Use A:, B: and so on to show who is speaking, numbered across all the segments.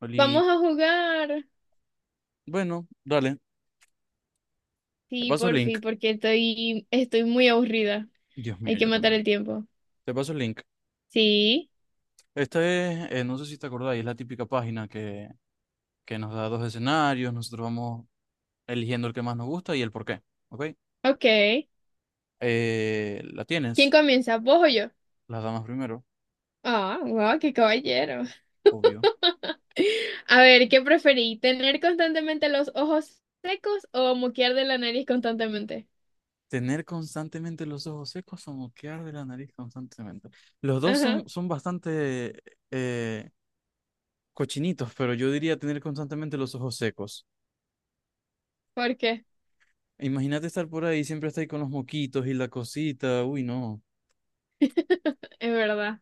A: Oli,
B: Vamos a jugar.
A: bueno, dale, te
B: Sí,
A: paso el
B: por
A: link.
B: fin, porque estoy muy aburrida.
A: Dios
B: Hay
A: mío,
B: que
A: yo
B: matar
A: también.
B: el tiempo.
A: Te paso el link.
B: Sí,
A: Esta es, no sé si te acordáis, es la típica página que nos da dos escenarios, nosotros vamos eligiendo el que más nos gusta y el por qué, ¿ok?
B: ok.
A: La
B: ¿Quién
A: tienes,
B: comienza? ¿Vos o yo?
A: las damas primero,
B: Ah, wow, qué caballero.
A: obvio.
B: A ver, ¿qué preferí? ¿Tener constantemente los ojos secos o moquear de la nariz constantemente?
A: Tener constantemente los ojos secos o moquear de la nariz constantemente. Los dos
B: Ajá,
A: son bastante eh, cochinitos, pero yo diría tener constantemente los ojos secos.
B: ¿por qué?
A: Imagínate estar por ahí, siempre estar ahí con los moquitos y la cosita. Uy, no.
B: Es verdad.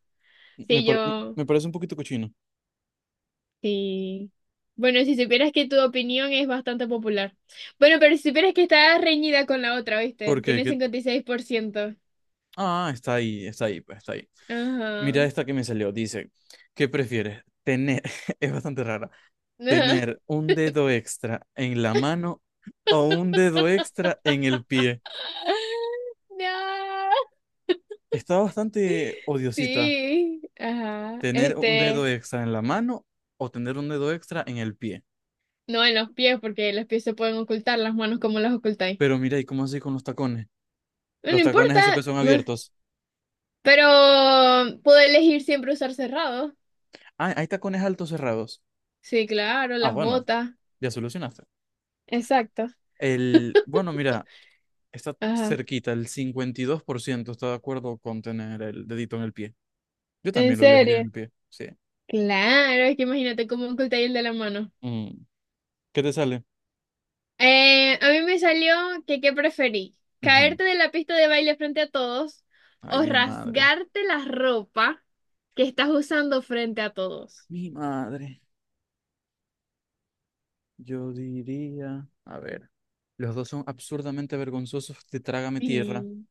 A: Me,
B: Sí,
A: pare- me
B: yo,
A: me parece un poquito cochino.
B: sí. Bueno, si supieras que tu opinión es bastante popular. Bueno, pero si supieras que está reñida con la otra, ¿viste?
A: ¿Por qué?
B: Tiene 56%.
A: Ah, está ahí, pues está ahí.
B: Ajá.
A: Mira esta que me salió. Dice, ¿qué prefieres? Tener, es bastante rara, tener un dedo extra en la mano o un dedo extra en el pie.
B: No,
A: Está bastante odiosita.
B: sí, ajá.
A: Tener un dedo
B: Este,
A: extra en la mano o tener un dedo extra en el pie.
B: no en los pies, porque los pies se pueden ocultar, las manos como las ocultáis.
A: Pero mira, ¿y cómo así con los tacones?
B: No, no
A: Los tacones
B: importa,
A: esos que son
B: meh,
A: abiertos.
B: pero puedo elegir siempre usar cerrado.
A: Ah, hay tacones altos cerrados.
B: Sí, claro,
A: Ah,
B: las
A: bueno,
B: botas.
A: ya solucionaste.
B: Exacto.
A: Bueno, mira, está
B: Ajá.
A: cerquita, el 52% está de acuerdo con tener el dedito en el pie. Yo
B: ¿En
A: también lo elegiría en
B: serio?
A: el pie, sí.
B: Claro, es que imagínate cómo ocultáis el de la mano.
A: Mm, ¿Qué te sale?
B: A mí me salió que qué preferí,
A: Ujú.
B: caerte de la pista de baile frente a todos
A: Ay,
B: o
A: mi madre.
B: rasgarte la ropa que estás usando frente a todos.
A: Mi madre. Yo diría, a ver, los dos son absurdamente vergonzosos de Trágame Tierra,
B: Sí,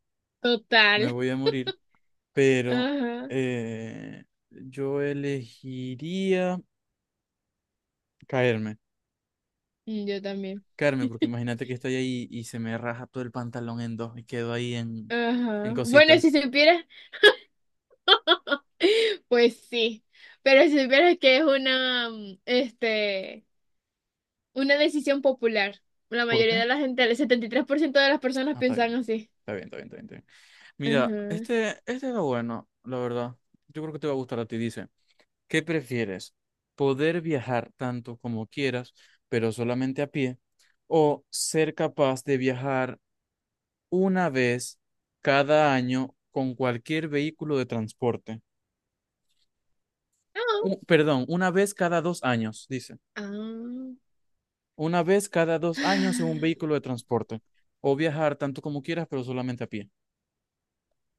A: me
B: total.
A: voy a morir, pero
B: Ajá.
A: eh, yo elegiría caerme.
B: Mm, yo también.
A: Carmen, porque imagínate que estoy ahí y se me raja todo el pantalón en dos y quedo ahí en
B: Ajá. Bueno, si
A: cositas.
B: supieras, pues sí. Pero si supieras que es una decisión popular. La
A: ¿Por
B: mayoría
A: qué?
B: de la gente, el 73% de las personas
A: Ah, está
B: piensan
A: bien.
B: así.
A: Está bien, está bien, está bien, está bien. Mira,
B: Ajá.
A: este era bueno, la verdad. Yo creo que te va a gustar a ti. Dice, ¿qué prefieres? ¿Poder viajar tanto como quieras, pero solamente a pie? ¿O ser capaz de viajar una vez cada año con cualquier vehículo de transporte?
B: No.
A: Perdón, una vez cada 2 años, dice.
B: Ah.
A: Una vez cada dos años en un vehículo de transporte. O viajar tanto como quieras, pero solamente a pie.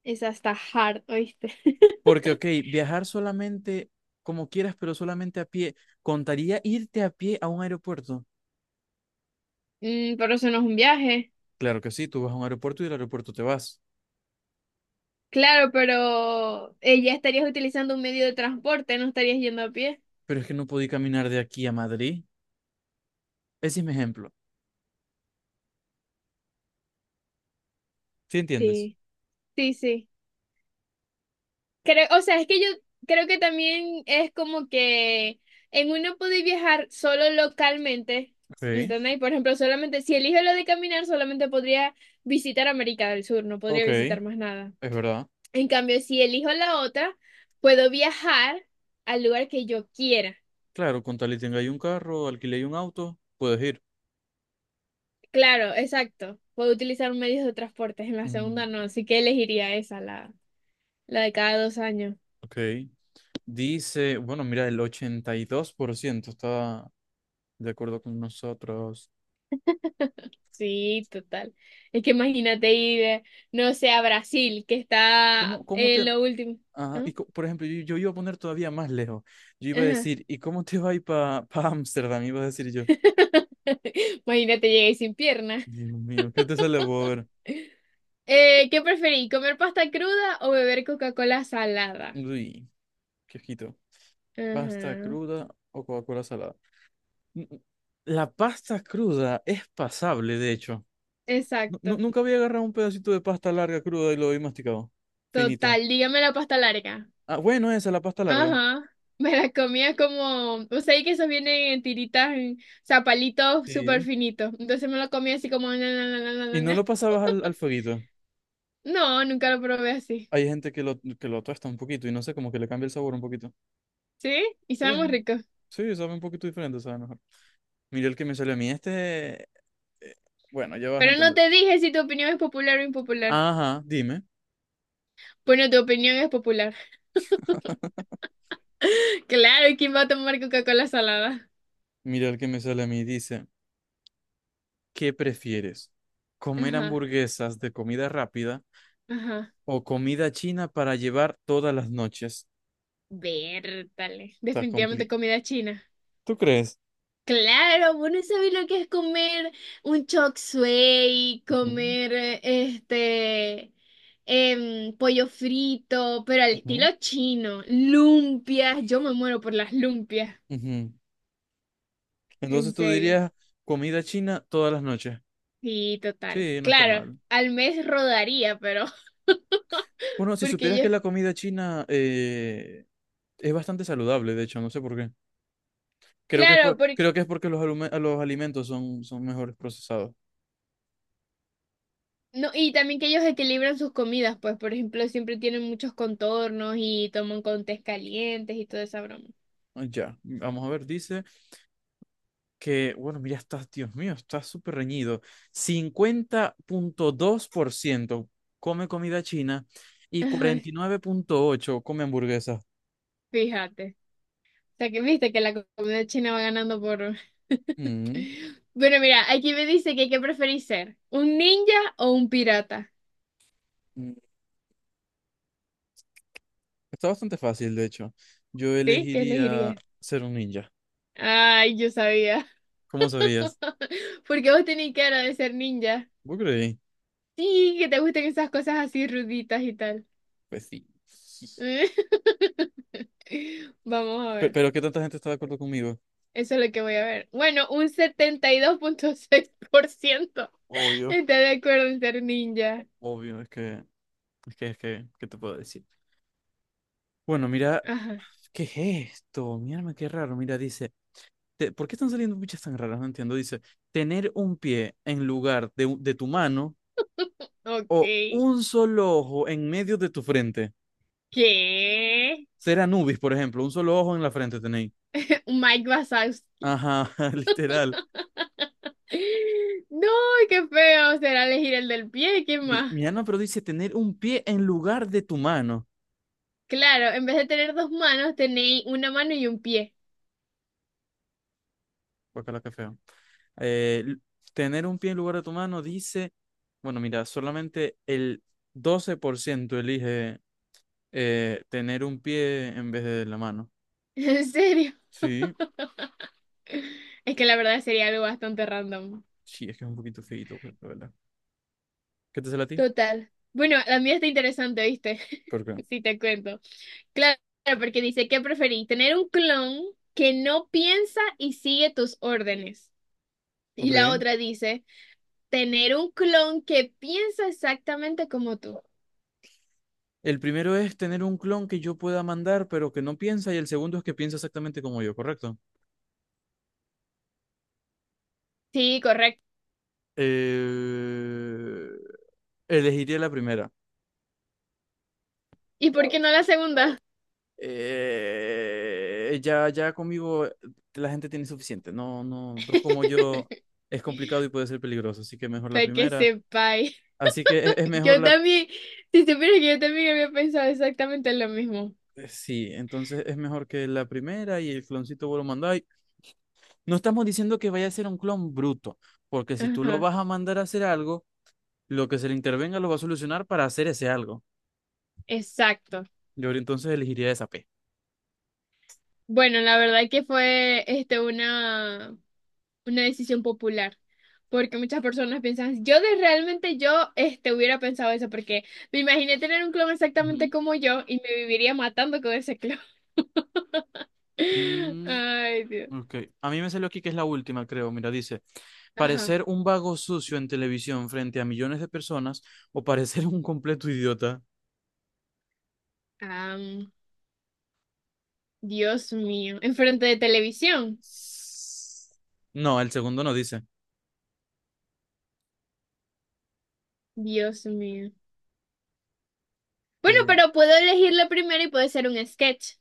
B: Esa está hard, ¿oíste?
A: Porque, ok, viajar solamente como quieras, pero solamente a pie, ¿contaría irte a pie a un aeropuerto?
B: Mm, pero eso no es un viaje.
A: Claro que sí, tú vas a un aeropuerto y del aeropuerto te vas.
B: Claro, pero ya estarías utilizando un medio de transporte, no estarías yendo a pie.
A: Pero es que no podí caminar de aquí a Madrid. Ese es mi ejemplo. ¿Sí entiendes?
B: Sí, sí, sí. Creo, o sea, es que yo creo que también es como que en uno puede viajar solo localmente, ¿me
A: Sí.
B: entendéis? Por ejemplo, solamente, si elijo lo de caminar, solamente podría visitar América del Sur, no podría
A: Ok, es
B: visitar más nada.
A: verdad.
B: En cambio, si elijo la otra, puedo viajar al lugar que yo quiera.
A: Claro, con tal y tenga ahí un carro, alquile ahí un auto, puedes ir.
B: Claro, exacto. Puedo utilizar medios de transporte, en la
A: Mm,
B: segunda no, así que elegiría esa, la de cada 2 años.
A: ok. Dice, bueno, mira, el 82% está de acuerdo con nosotros.
B: Sí, total. Es que imagínate ir, no sé, a Brasil, que está
A: ¿Cómo, cómo
B: en
A: te...
B: lo último.
A: ah,
B: ¿Ah?
A: y por ejemplo, yo iba a poner todavía más lejos. Yo iba a
B: Ajá.
A: decir, ¿y cómo te va a ir para Ámsterdam? Iba a decir yo.
B: Imagínate llegué sin pierna.
A: Dios mío, ¿qué te sale, Bober?
B: ¿Qué preferí? ¿Comer pasta cruda o beber Coca-Cola salada?
A: Uy, qué ojito. ¿Pasta
B: Ajá,
A: cruda o Coca-Cola salada? N- n- La pasta cruda es pasable, de hecho. Nu- nu-
B: exacto.
A: nunca había agarrado un pedacito de pasta larga cruda y lo había masticado. Finito.
B: Total, dígame la pasta larga.
A: Ah, bueno, esa, la pasta larga.
B: Ajá, me la comía como, o sea, y que esos vienen en tiritas, en zapalitos súper
A: Sí.
B: finitos. Entonces me lo comía así como, na, na, na, na,
A: Y
B: na,
A: no lo
B: na.
A: pasabas al fueguito.
B: No, nunca lo probé así.
A: Hay gente que lo tuesta un poquito y no sé, como que le cambia el sabor un poquito.
B: ¿Sí? Y
A: Sí,
B: sabe muy rico.
A: sí, sabe un poquito diferente, sabe mejor. Mira el que me sale a mí. Este, eh, bueno, ya vas a
B: Pero no
A: entender.
B: te dije si tu opinión es popular o impopular.
A: Ajá, dime.
B: Bueno, tu opinión es popular. Claro, ¿y quién va a tomar Coca-Cola salada?
A: Mira el que me sale a mí. Dice, ¿qué prefieres? ¿Comer
B: Ajá,
A: hamburguesas de comida rápida
B: ajá.
A: o comida china para llevar todas las noches?
B: Vértale.
A: Está
B: Definitivamente
A: complicado.
B: comida china.
A: ¿Tú crees?
B: Claro, bueno, ¿sabes lo que es comer un chop suey,
A: Ujú,
B: comer pollo frito, pero al estilo
A: ujú,
B: chino, lumpias, yo me muero por las lumpias,
A: ujú.
B: en
A: Entonces tú
B: serio.
A: dirías comida china todas las noches.
B: Sí, total.
A: Sí, no está
B: Claro,
A: mal.
B: al mes rodaría, pero
A: Bueno, si
B: porque
A: supieras que
B: ellos,
A: la comida china es bastante saludable, de hecho, no sé por qué. Creo que es
B: claro,
A: por-
B: porque
A: creo que es porque los alimentos son mejores procesados.
B: no, y también que ellos equilibran sus comidas, pues, por ejemplo, siempre tienen muchos contornos y toman con tés calientes y toda esa broma.
A: Ah, ya, vamos a ver, dice que, bueno, mira, está, Dios mío, está súper reñido. 50.2% come comida china y
B: Ajá,
A: 49.8% come hamburguesas.
B: fíjate. Sea, que viste que la comunidad china va ganando por...
A: Mm,
B: Bueno, mira, aquí me dice que qué preferís ser, un ninja o un pirata.
A: mm. Está bastante fácil, de hecho. Yo
B: ¿Sí? ¿Qué
A: elegiría
B: elegirías?
A: ser un ninja.
B: Ay, yo sabía.
A: ¿Cómo sabías?
B: Porque vos tenés cara de ser ninja.
A: ¿Vos creí?
B: Sí, que te gusten esas cosas así ruditas y tal.
A: Pues sí.
B: Vamos a
A: Pero,
B: ver.
A: pero ¿qué tanta gente está de acuerdo conmigo?
B: Eso es lo que voy a ver. Bueno, un 72.6%
A: Obvio,
B: está de acuerdo en ser ninja.
A: obvio, es que, ¿qué te puedo decir? Bueno, mira,
B: Ajá.
A: ¿qué es esto? Mírame, qué raro. Mira, dice, ¿por qué están saliendo bichas tan raras? No entiendo. Dice, tener un pie en lugar de tu mano o
B: Ok.
A: un solo ojo en medio de tu frente.
B: ¿Qué?
A: Ser Anubis, por ejemplo, un solo ojo en la frente tenéis.
B: Mike Wazowski.
A: Ajá, literal.
B: No, qué feo será elegir el del pie, ¿qué
A: Mi,
B: más?
A: mi Ana, pero dice tener un pie en lugar de tu mano.
B: Claro, en vez de tener dos manos, tenéis una mano y un pie.
A: Guacala, qué feo. Eh, l- Tener un pie en lugar de tu mano dice, bueno, mira, solamente el 12% elige tener un pie en vez de la mano.
B: En serio.
A: Sí,
B: Es que la verdad sería algo bastante random.
A: sí, es que es un poquito feíto, pues, la verdad. ¿Qué te sale a ti?
B: Total. Bueno, la mía está interesante, ¿viste?
A: ¿Por qué?
B: Si te cuento. Claro, porque dice, ¿qué preferís? ¿Tener un clon que no piensa y sigue tus órdenes? Y la
A: Ok.
B: otra dice, tener un clon que piensa exactamente como tú.
A: El primero es tener un clon que yo pueda mandar, pero que no piensa, y el segundo es que piensa exactamente como yo, ¿correcto?
B: Sí,
A: Eh, Elegiría la primera.
B: ¿y por qué no la segunda?
A: Ya conmigo la gente tiene suficiente. No, no, dos como yo es complicado y puede ser peligroso, así que mejor la
B: Para que
A: primera.
B: sepáis.
A: Así que es mejor
B: Yo
A: la.
B: también, si supieras que yo también había pensado exactamente lo mismo.
A: Sí, entonces es mejor que la primera y el cloncito vos lo mandáis. No estamos diciendo que vaya a ser un clon bruto, porque si tú lo
B: Ajá,
A: vas a mandar a hacer algo, lo que se le intervenga lo va a solucionar para hacer ese algo.
B: exacto.
A: Yo entonces elegiría esa P.
B: Bueno, la verdad que fue una decisión popular, porque muchas personas piensan, yo de realmente yo este, hubiera pensado eso, porque me imaginé tener un clon exactamente
A: Ujú.
B: como yo y me viviría matando con ese clon.
A: Mm,
B: Ay, Dios.
A: ok. A mí me salió aquí que es la última, creo. Mira, dice,
B: Ajá.
A: parecer un vago sucio en televisión frente a millones de personas o parecer un completo idiota.
B: Dios mío, enfrente de televisión.
A: No, el segundo no dice.
B: Dios mío. Bueno,
A: Eh,
B: pero puedo elegir la primera y puede ser un sketch.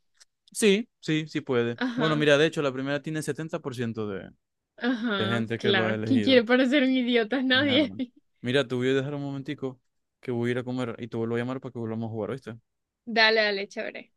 A: sí, sí, sí puede. Bueno,
B: Ajá,
A: mira, de hecho, la primera tiene 70% de
B: ajá,
A: gente que lo ha
B: claro. ¿Quién quiere
A: elegido.
B: parecer un idiota?
A: Mi
B: Nadie.
A: arma. Mira, te voy a dejar un momentico que voy a ir a comer y te vuelvo a llamar para que volvamos a jugar, ¿oíste?
B: Dale, dale, chévere.